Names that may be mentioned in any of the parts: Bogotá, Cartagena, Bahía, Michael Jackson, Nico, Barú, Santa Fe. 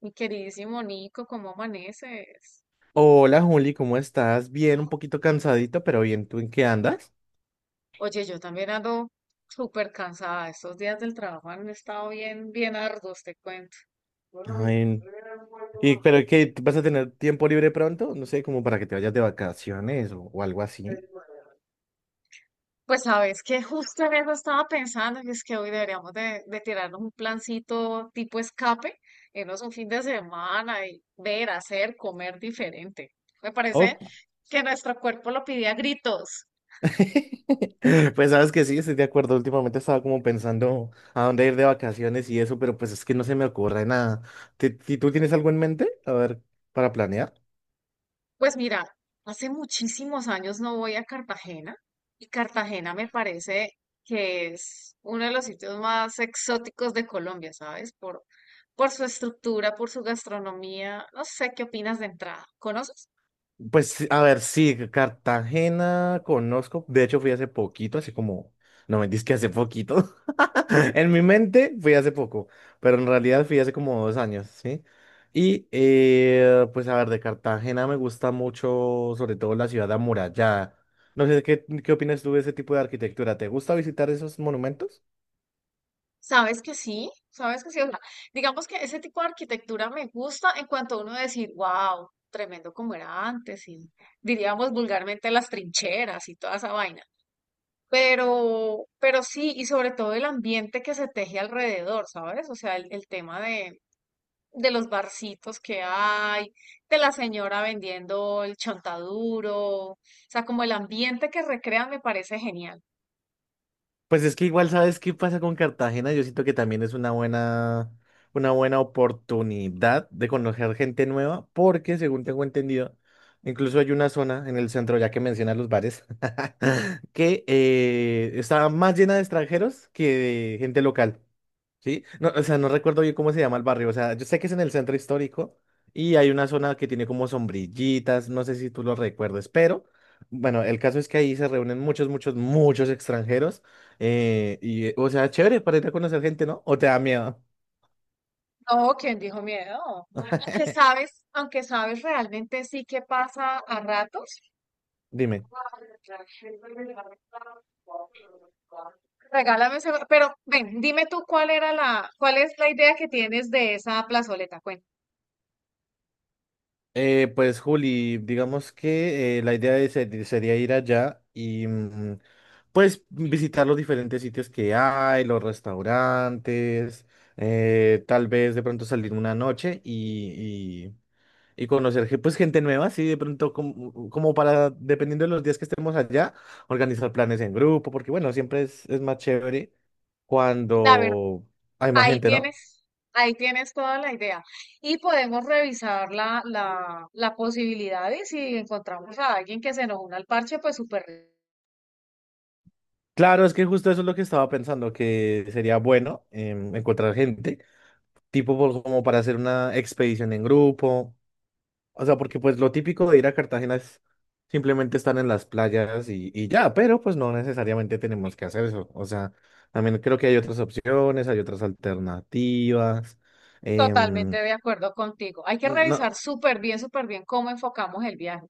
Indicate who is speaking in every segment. Speaker 1: Mi queridísimo Nico, ¿cómo amaneces?
Speaker 2: Hola Juli, ¿cómo estás? Bien, un poquito cansadito, pero bien, ¿tú en qué andas?
Speaker 1: Oye, yo también ando súper cansada. Estos días del trabajo han estado bien, bien arduos, te cuento.
Speaker 2: Ay, ¿y pero qué? ¿Tú ¿Vas a tener tiempo libre pronto? No sé, como para que te vayas de vacaciones o algo así.
Speaker 1: Pues sabes que justo en eso estaba pensando, y es que hoy deberíamos de tirarnos un plancito tipo escape, irnos un fin de semana y ver, hacer, comer diferente. Me parece
Speaker 2: Oh.
Speaker 1: que nuestro cuerpo lo pide a gritos.
Speaker 2: Pues sabes que sí, estoy de acuerdo. Últimamente estaba como pensando a dónde ir de vacaciones y eso, pero pues es que no se me ocurre nada. ¿Tú tienes algo en mente? A ver, para planear.
Speaker 1: Pues mira, hace muchísimos años no voy a Cartagena y Cartagena me parece que es uno de los sitios más exóticos de Colombia, ¿sabes? Por su estructura, por su gastronomía. No sé qué opinas de entrada. ¿Conoces?
Speaker 2: Pues sí, a ver, sí, Cartagena conozco. De hecho, fui hace poquito, así como, no me digas que hace poquito. En mi mente fui hace poco, pero en realidad fui hace como dos años, ¿sí? Y pues a ver, de Cartagena me gusta mucho, sobre todo la ciudad amurallada. No sé, ¿qué opinas tú de ese tipo de arquitectura? ¿Te gusta visitar esos monumentos?
Speaker 1: ¿Sabes que sí? ¿Sabes que sí? O sea, digamos que ese tipo de arquitectura me gusta en cuanto a uno decir, wow, tremendo como era antes y diríamos vulgarmente las trincheras y toda esa vaina. Pero sí, y sobre todo el ambiente que se teje alrededor, ¿sabes? O sea, el tema de los barcitos que hay, de la señora vendiendo el chontaduro, o sea, como el ambiente que recrean me parece genial.
Speaker 2: Pues es que igual sabes qué pasa con Cartagena. Yo siento que también es una buena oportunidad de conocer gente nueva, porque según tengo entendido, incluso hay una zona en el centro, ya que mencionas los bares, que está más llena de extranjeros que de gente local. Sí, no, o sea, no recuerdo bien cómo se llama el barrio, o sea, yo sé que es en el centro histórico y hay una zona que tiene como sombrillitas, no sé si tú lo recuerdes, pero bueno, el caso es que ahí se reúnen muchos, muchos, muchos extranjeros o sea, chévere para ir a conocer gente, ¿no? ¿O te da miedo?
Speaker 1: No, ¿quién dijo miedo? Aunque sabes realmente sí que pasa a ratos.
Speaker 2: Dime.
Speaker 1: Regálame ese, pero ven, dime tú cuál es la idea que tienes de esa plazoleta.
Speaker 2: Pues Juli, digamos que la idea de sería ir allá y pues visitar los diferentes sitios que hay, los restaurantes, tal vez de pronto salir una noche y y conocer pues gente nueva, sí, de pronto como, como para, dependiendo de los días que estemos allá, organizar planes en grupo, porque bueno, siempre es más chévere
Speaker 1: La verdad,
Speaker 2: cuando hay más
Speaker 1: ahí
Speaker 2: gente, ¿no?
Speaker 1: tienes, ahí tienes toda la idea. Y podemos revisar la posibilidad y si encontramos a alguien que se nos una al parche, pues súper,
Speaker 2: Claro, es que justo eso es lo que estaba pensando, que sería bueno encontrar gente. Como para hacer una expedición en grupo. O sea, porque pues lo típico de ir a Cartagena es simplemente estar en las playas y ya, pero pues no necesariamente tenemos que hacer eso. O sea, también creo que hay otras opciones, hay otras alternativas.
Speaker 1: totalmente
Speaker 2: em,
Speaker 1: de acuerdo contigo. Hay que
Speaker 2: no,
Speaker 1: revisar súper bien cómo enfocamos el viaje.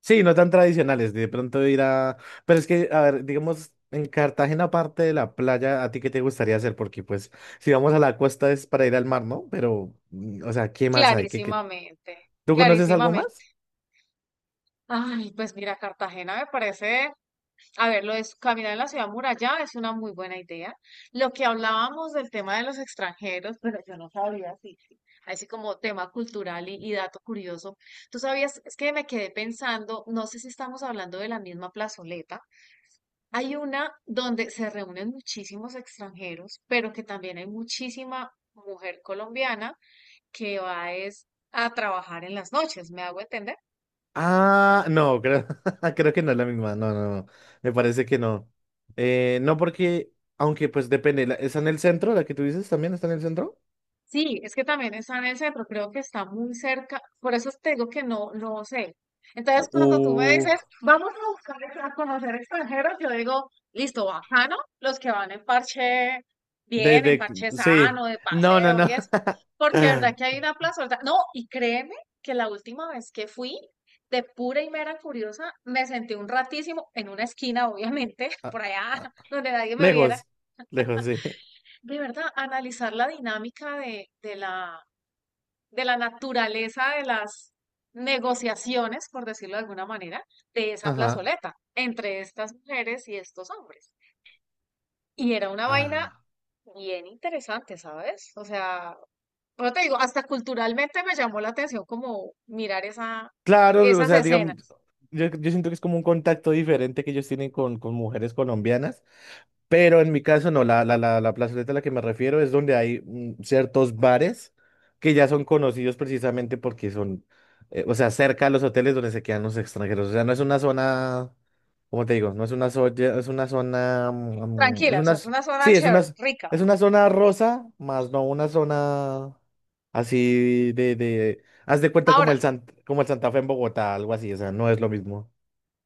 Speaker 2: sí, no tan tradicionales, de pronto ir a... Pero es que, a ver, digamos, en Cartagena, aparte de la playa, ¿a ti qué te gustaría hacer? Porque pues si vamos a la costa es para ir al mar, ¿no? Pero, mm, o sea, ¿qué más hay? ¿Qué...
Speaker 1: Clarísimamente,
Speaker 2: tú conoces algo
Speaker 1: clarísimamente.
Speaker 2: más?
Speaker 1: Ay, pues mira, Cartagena me parece. A ver, lo de caminar en la ciudad muralla es una muy buena idea. Lo que hablábamos del tema de los extranjeros, pero yo no sabía así como tema cultural y dato curioso. Tú sabías, es que me quedé pensando, no sé si estamos hablando de la misma plazoleta. Hay una donde se reúnen muchísimos extranjeros, pero que también hay muchísima mujer colombiana que va es a trabajar en las noches, ¿me hago entender?
Speaker 2: Ah, no, creo, creo que no es la misma. No, no, no. Me parece que no. No, porque, aunque pues depende. ¿Está en el centro? ¿La que tú dices también está en el centro?
Speaker 1: Sí, es que también está en el centro, creo que está muy cerca, por eso te digo que no, no sé. Entonces, cuando tú me
Speaker 2: Uh,
Speaker 1: dices, vamos a buscar ex- a conocer extranjeros, yo digo, listo, bacano, los que van en parche
Speaker 2: de,
Speaker 1: bien, en
Speaker 2: de,
Speaker 1: parche
Speaker 2: sí.
Speaker 1: sano, de
Speaker 2: No, no,
Speaker 1: paseo y
Speaker 2: no.
Speaker 1: eso, porque de verdad que hay una plaza, ¿verdad? No, y créeme que la última vez que fui, de pura y mera curiosa, me senté un ratísimo en una esquina, obviamente,
Speaker 2: Ah,
Speaker 1: por allá
Speaker 2: ah, ah.
Speaker 1: donde nadie me viera,
Speaker 2: Lejos. Lejos, sí.
Speaker 1: de verdad, analizar la dinámica de la de la naturaleza de las negociaciones, por decirlo de alguna manera, de esa
Speaker 2: Ajá.
Speaker 1: plazoleta entre estas mujeres y estos hombres. Y era una vaina
Speaker 2: Ah.
Speaker 1: bien interesante, ¿sabes? O sea, pero te digo, hasta culturalmente me llamó la atención como mirar
Speaker 2: Claro, o
Speaker 1: esas
Speaker 2: sea, digamos,
Speaker 1: escenas.
Speaker 2: yo siento que es como un contacto diferente que ellos tienen con mujeres colombianas, pero en mi caso no, la plazoleta a la que me refiero es donde hay ciertos bares que ya son conocidos precisamente porque son, o sea, cerca a los hoteles donde se quedan los extranjeros, o sea, no es una zona, ¿cómo te digo? No es una zona, es una zona, es
Speaker 1: Tranquila, o
Speaker 2: una,
Speaker 1: sea, es una zona
Speaker 2: sí, es una,
Speaker 1: chévere, rica.
Speaker 2: es una zona rosa, más no una zona así. Haz de cuenta como
Speaker 1: Ahora,
Speaker 2: el como el Santa Fe en Bogotá, algo así, o sea, no es lo mismo.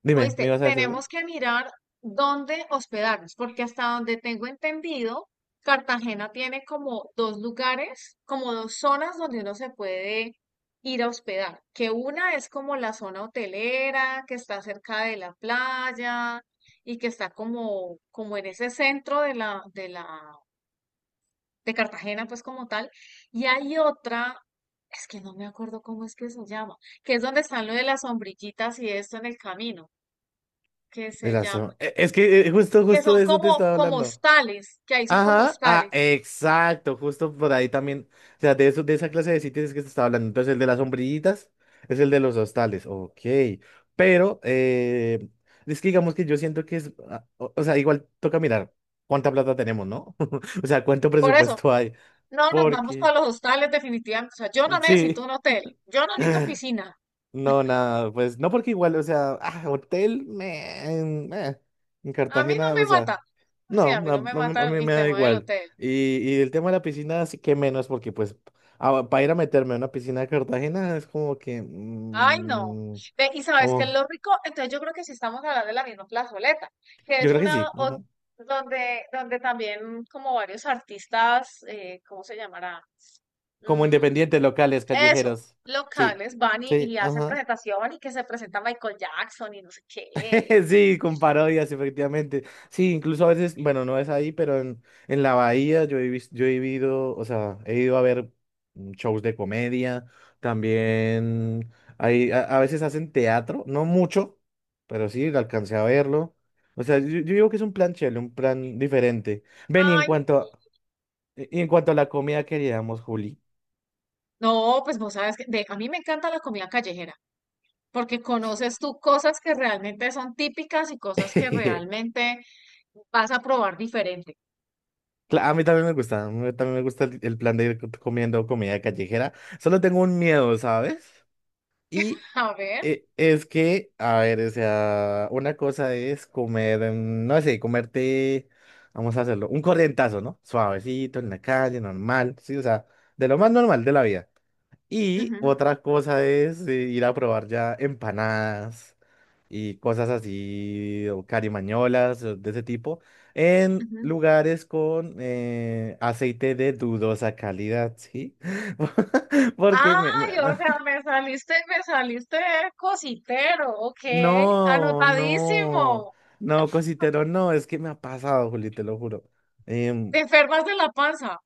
Speaker 2: Dime,
Speaker 1: oíste,
Speaker 2: ¿me ibas a decir algo?
Speaker 1: tenemos que mirar dónde hospedarnos, porque hasta donde tengo entendido, Cartagena tiene como dos lugares, como dos zonas donde uno se puede ir a hospedar, que una es como la zona hotelera, que está cerca de la playa y que está como, como en ese centro de Cartagena, pues como tal, y hay otra, es que no me acuerdo cómo es que se llama, que es donde están lo de las sombrillitas y esto en el camino que
Speaker 2: De
Speaker 1: se
Speaker 2: la
Speaker 1: llama,
Speaker 2: o- e- Es que justo,
Speaker 1: que
Speaker 2: justo
Speaker 1: son
Speaker 2: de eso te
Speaker 1: como,
Speaker 2: estaba
Speaker 1: como
Speaker 2: hablando.
Speaker 1: hostales, que ahí son como
Speaker 2: Ajá, ah,
Speaker 1: hostales.
Speaker 2: exacto, justo por ahí también. O sea, de eso, de esa clase de sitios es que se estaba hablando. Entonces, el de las sombrillitas es el de los hostales, ok. Pero, es que digamos que yo siento que es, ah, o sea, igual toca mirar cuánta plata tenemos, ¿no? O sea, cuánto
Speaker 1: Por eso,
Speaker 2: presupuesto hay.
Speaker 1: no nos vamos
Speaker 2: Porque,
Speaker 1: para los hostales definitivamente. O sea, yo no necesito
Speaker 2: sí.
Speaker 1: un hotel, yo no necesito piscina.
Speaker 2: No, nada, pues no porque igual, o sea, ah, hotel, meh, en
Speaker 1: A mí no
Speaker 2: Cartagena,
Speaker 1: me
Speaker 2: o
Speaker 1: mata.
Speaker 2: sea,
Speaker 1: Sí,
Speaker 2: no,
Speaker 1: a mí
Speaker 2: no,
Speaker 1: no me
Speaker 2: a
Speaker 1: mata
Speaker 2: mí
Speaker 1: el
Speaker 2: me da
Speaker 1: tema del
Speaker 2: igual.
Speaker 1: hotel.
Speaker 2: Y el tema de la piscina sí que menos, porque pues ah, para ir a meterme a una piscina de Cartagena es como que,
Speaker 1: Ay, no.
Speaker 2: mm,
Speaker 1: Ve, y sabes que
Speaker 2: como-
Speaker 1: es lo rico, entonces yo creo que sí estamos hablando de la misma plazoleta, que
Speaker 2: yo
Speaker 1: es
Speaker 2: creo que
Speaker 1: una
Speaker 2: sí, ujú.
Speaker 1: donde, donde también como varios artistas, ¿cómo se llamará?
Speaker 2: Como
Speaker 1: Mm,
Speaker 2: independientes locales,
Speaker 1: Eso,
Speaker 2: callejeros, sí,
Speaker 1: locales van
Speaker 2: sí,
Speaker 1: y hacen
Speaker 2: ajá.
Speaker 1: presentación y que se presenta Michael Jackson y no sé qué. y-
Speaker 2: Sí, con parodias, efectivamente. Sí, incluso a veces, bueno, no es ahí, pero en la Bahía yo he, yo he vivido, o sea, he ido a ver shows de comedia, también hay, a veces hacen teatro, no mucho, pero sí, alcancé a verlo. O sea, yo digo que es un plan chévere, un plan diferente. Ven, y en
Speaker 1: Ay,
Speaker 2: cuanto a, y en cuanto a la comida que haríamos, Juli.
Speaker 1: no, pues vos sabes que a mí me encanta la comida callejera, porque conoces tú cosas que realmente son típicas y cosas que
Speaker 2: cla-
Speaker 1: realmente vas a probar diferente.
Speaker 2: a mí también me gusta, a mí también me gusta el plan de ir comiendo comida callejera. Solo tengo un miedo, ¿sabes? Y
Speaker 1: A ver.
Speaker 2: es que, a ver, o sea, una cosa es comer, no sé, comerte, vamos a hacerlo, un corrientazo, ¿no? Suavecito, en la calle, normal, sí, o sea, de lo más normal de la vida. Y
Speaker 1: Ujú,
Speaker 2: otra cosa es ir a probar ya empanadas y cosas así, o carimañolas, o de ese tipo, en
Speaker 1: ujú.
Speaker 2: lugares con aceite de dudosa calidad, ¿sí? Porque
Speaker 1: Ay, o sea, me saliste cositero, ok,
Speaker 2: No, no,
Speaker 1: anotadísimo.
Speaker 2: no, cositero, no, es que me ha pasado, Juli, te lo juro. Em,
Speaker 1: Te enfermas de la panza,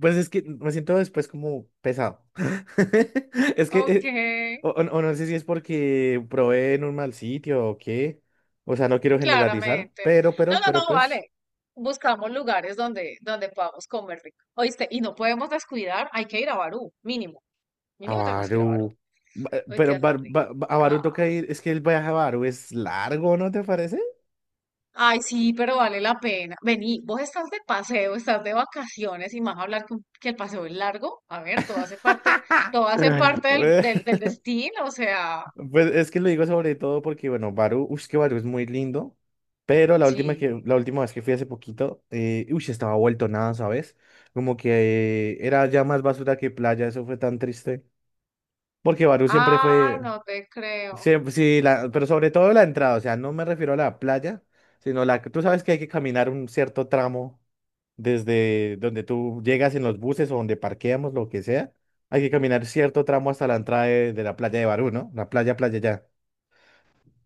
Speaker 2: pues es que me siento después como pesado. Es que,
Speaker 1: ok.
Speaker 2: o no sé si es porque probé en un mal sitio o qué, o sea, no quiero generalizar,
Speaker 1: Claramente.
Speaker 2: pero,
Speaker 1: No,
Speaker 2: pero,
Speaker 1: no,
Speaker 2: pero
Speaker 1: no,
Speaker 2: pues,
Speaker 1: vale. Buscamos lugares donde, donde podamos comer rico. ¿Oíste? Y no podemos descuidar, hay que ir a Barú, mínimo.
Speaker 2: a
Speaker 1: Mínimo tenemos que ir a Barú.
Speaker 2: Barú,
Speaker 1: Ay, qué
Speaker 2: A Barú
Speaker 1: rica.
Speaker 2: toca ir, es que el viaje a Barú es largo, ¿no te parece?
Speaker 1: Ay, sí, pero vale la pena. Vení, vos estás de paseo, estás de vacaciones y más hablar que el paseo es largo. A ver, todo hace parte del destino, o sea,
Speaker 2: Pues es que lo digo sobre todo porque, bueno, Barú, uff, es que Barú es muy lindo, pero
Speaker 1: sí.
Speaker 2: la última vez que fui hace poquito, uff, estaba vuelto nada, ¿sabes? Como que era ya más basura que playa, eso fue tan triste. Porque Barú siempre
Speaker 1: Ay,
Speaker 2: fue,
Speaker 1: no te creo.
Speaker 2: siempre, sí, pero sobre todo la entrada, o sea, no me refiero a la playa, sino la que tú sabes que hay que caminar un cierto tramo desde donde tú llegas en los buses o donde parqueamos, lo que sea, hay que caminar cierto tramo hasta la entrada de la playa de Barú, ¿no? La playa, playa ya.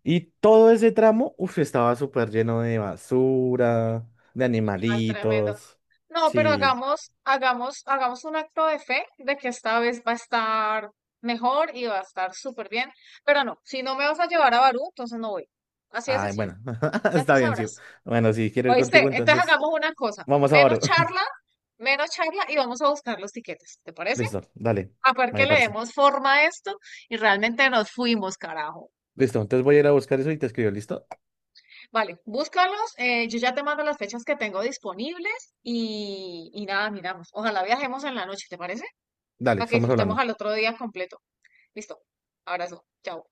Speaker 2: Y todo ese tramo, uff, estaba súper lleno de basura, de
Speaker 1: Ay, tremendo.
Speaker 2: animalitos.
Speaker 1: No, pero
Speaker 2: Sí.
Speaker 1: hagamos, hagamos, hagamos un acto de fe de que esta vez va a estar mejor y va a estar súper bien. Pero no, si no me vas a llevar a Barú, entonces no voy. Así de
Speaker 2: Ay,
Speaker 1: sencillo.
Speaker 2: bueno,
Speaker 1: Ya tú
Speaker 2: está bien, sí.
Speaker 1: sabrás.
Speaker 2: Bueno, si quiero ir
Speaker 1: ¿Oíste?
Speaker 2: contigo,
Speaker 1: Entonces
Speaker 2: entonces
Speaker 1: hagamos una cosa.
Speaker 2: vamos a Baro.
Speaker 1: Menos charla y vamos a buscar los tiquetes. ¿Te parece?
Speaker 2: Listo, dale,
Speaker 1: A ver que
Speaker 2: me
Speaker 1: le
Speaker 2: parece.
Speaker 1: demos forma a esto y realmente nos fuimos, carajo.
Speaker 2: Listo, entonces voy a ir a buscar eso y te escribo, ¿listo?
Speaker 1: Vale, búscalos. Yo ya te mando las fechas que tengo disponibles y nada, miramos. Ojalá viajemos en la noche, ¿te parece?
Speaker 2: Dale,
Speaker 1: Para que
Speaker 2: estamos
Speaker 1: disfrutemos
Speaker 2: hablando.
Speaker 1: al otro día completo. Listo. Abrazo. Chao.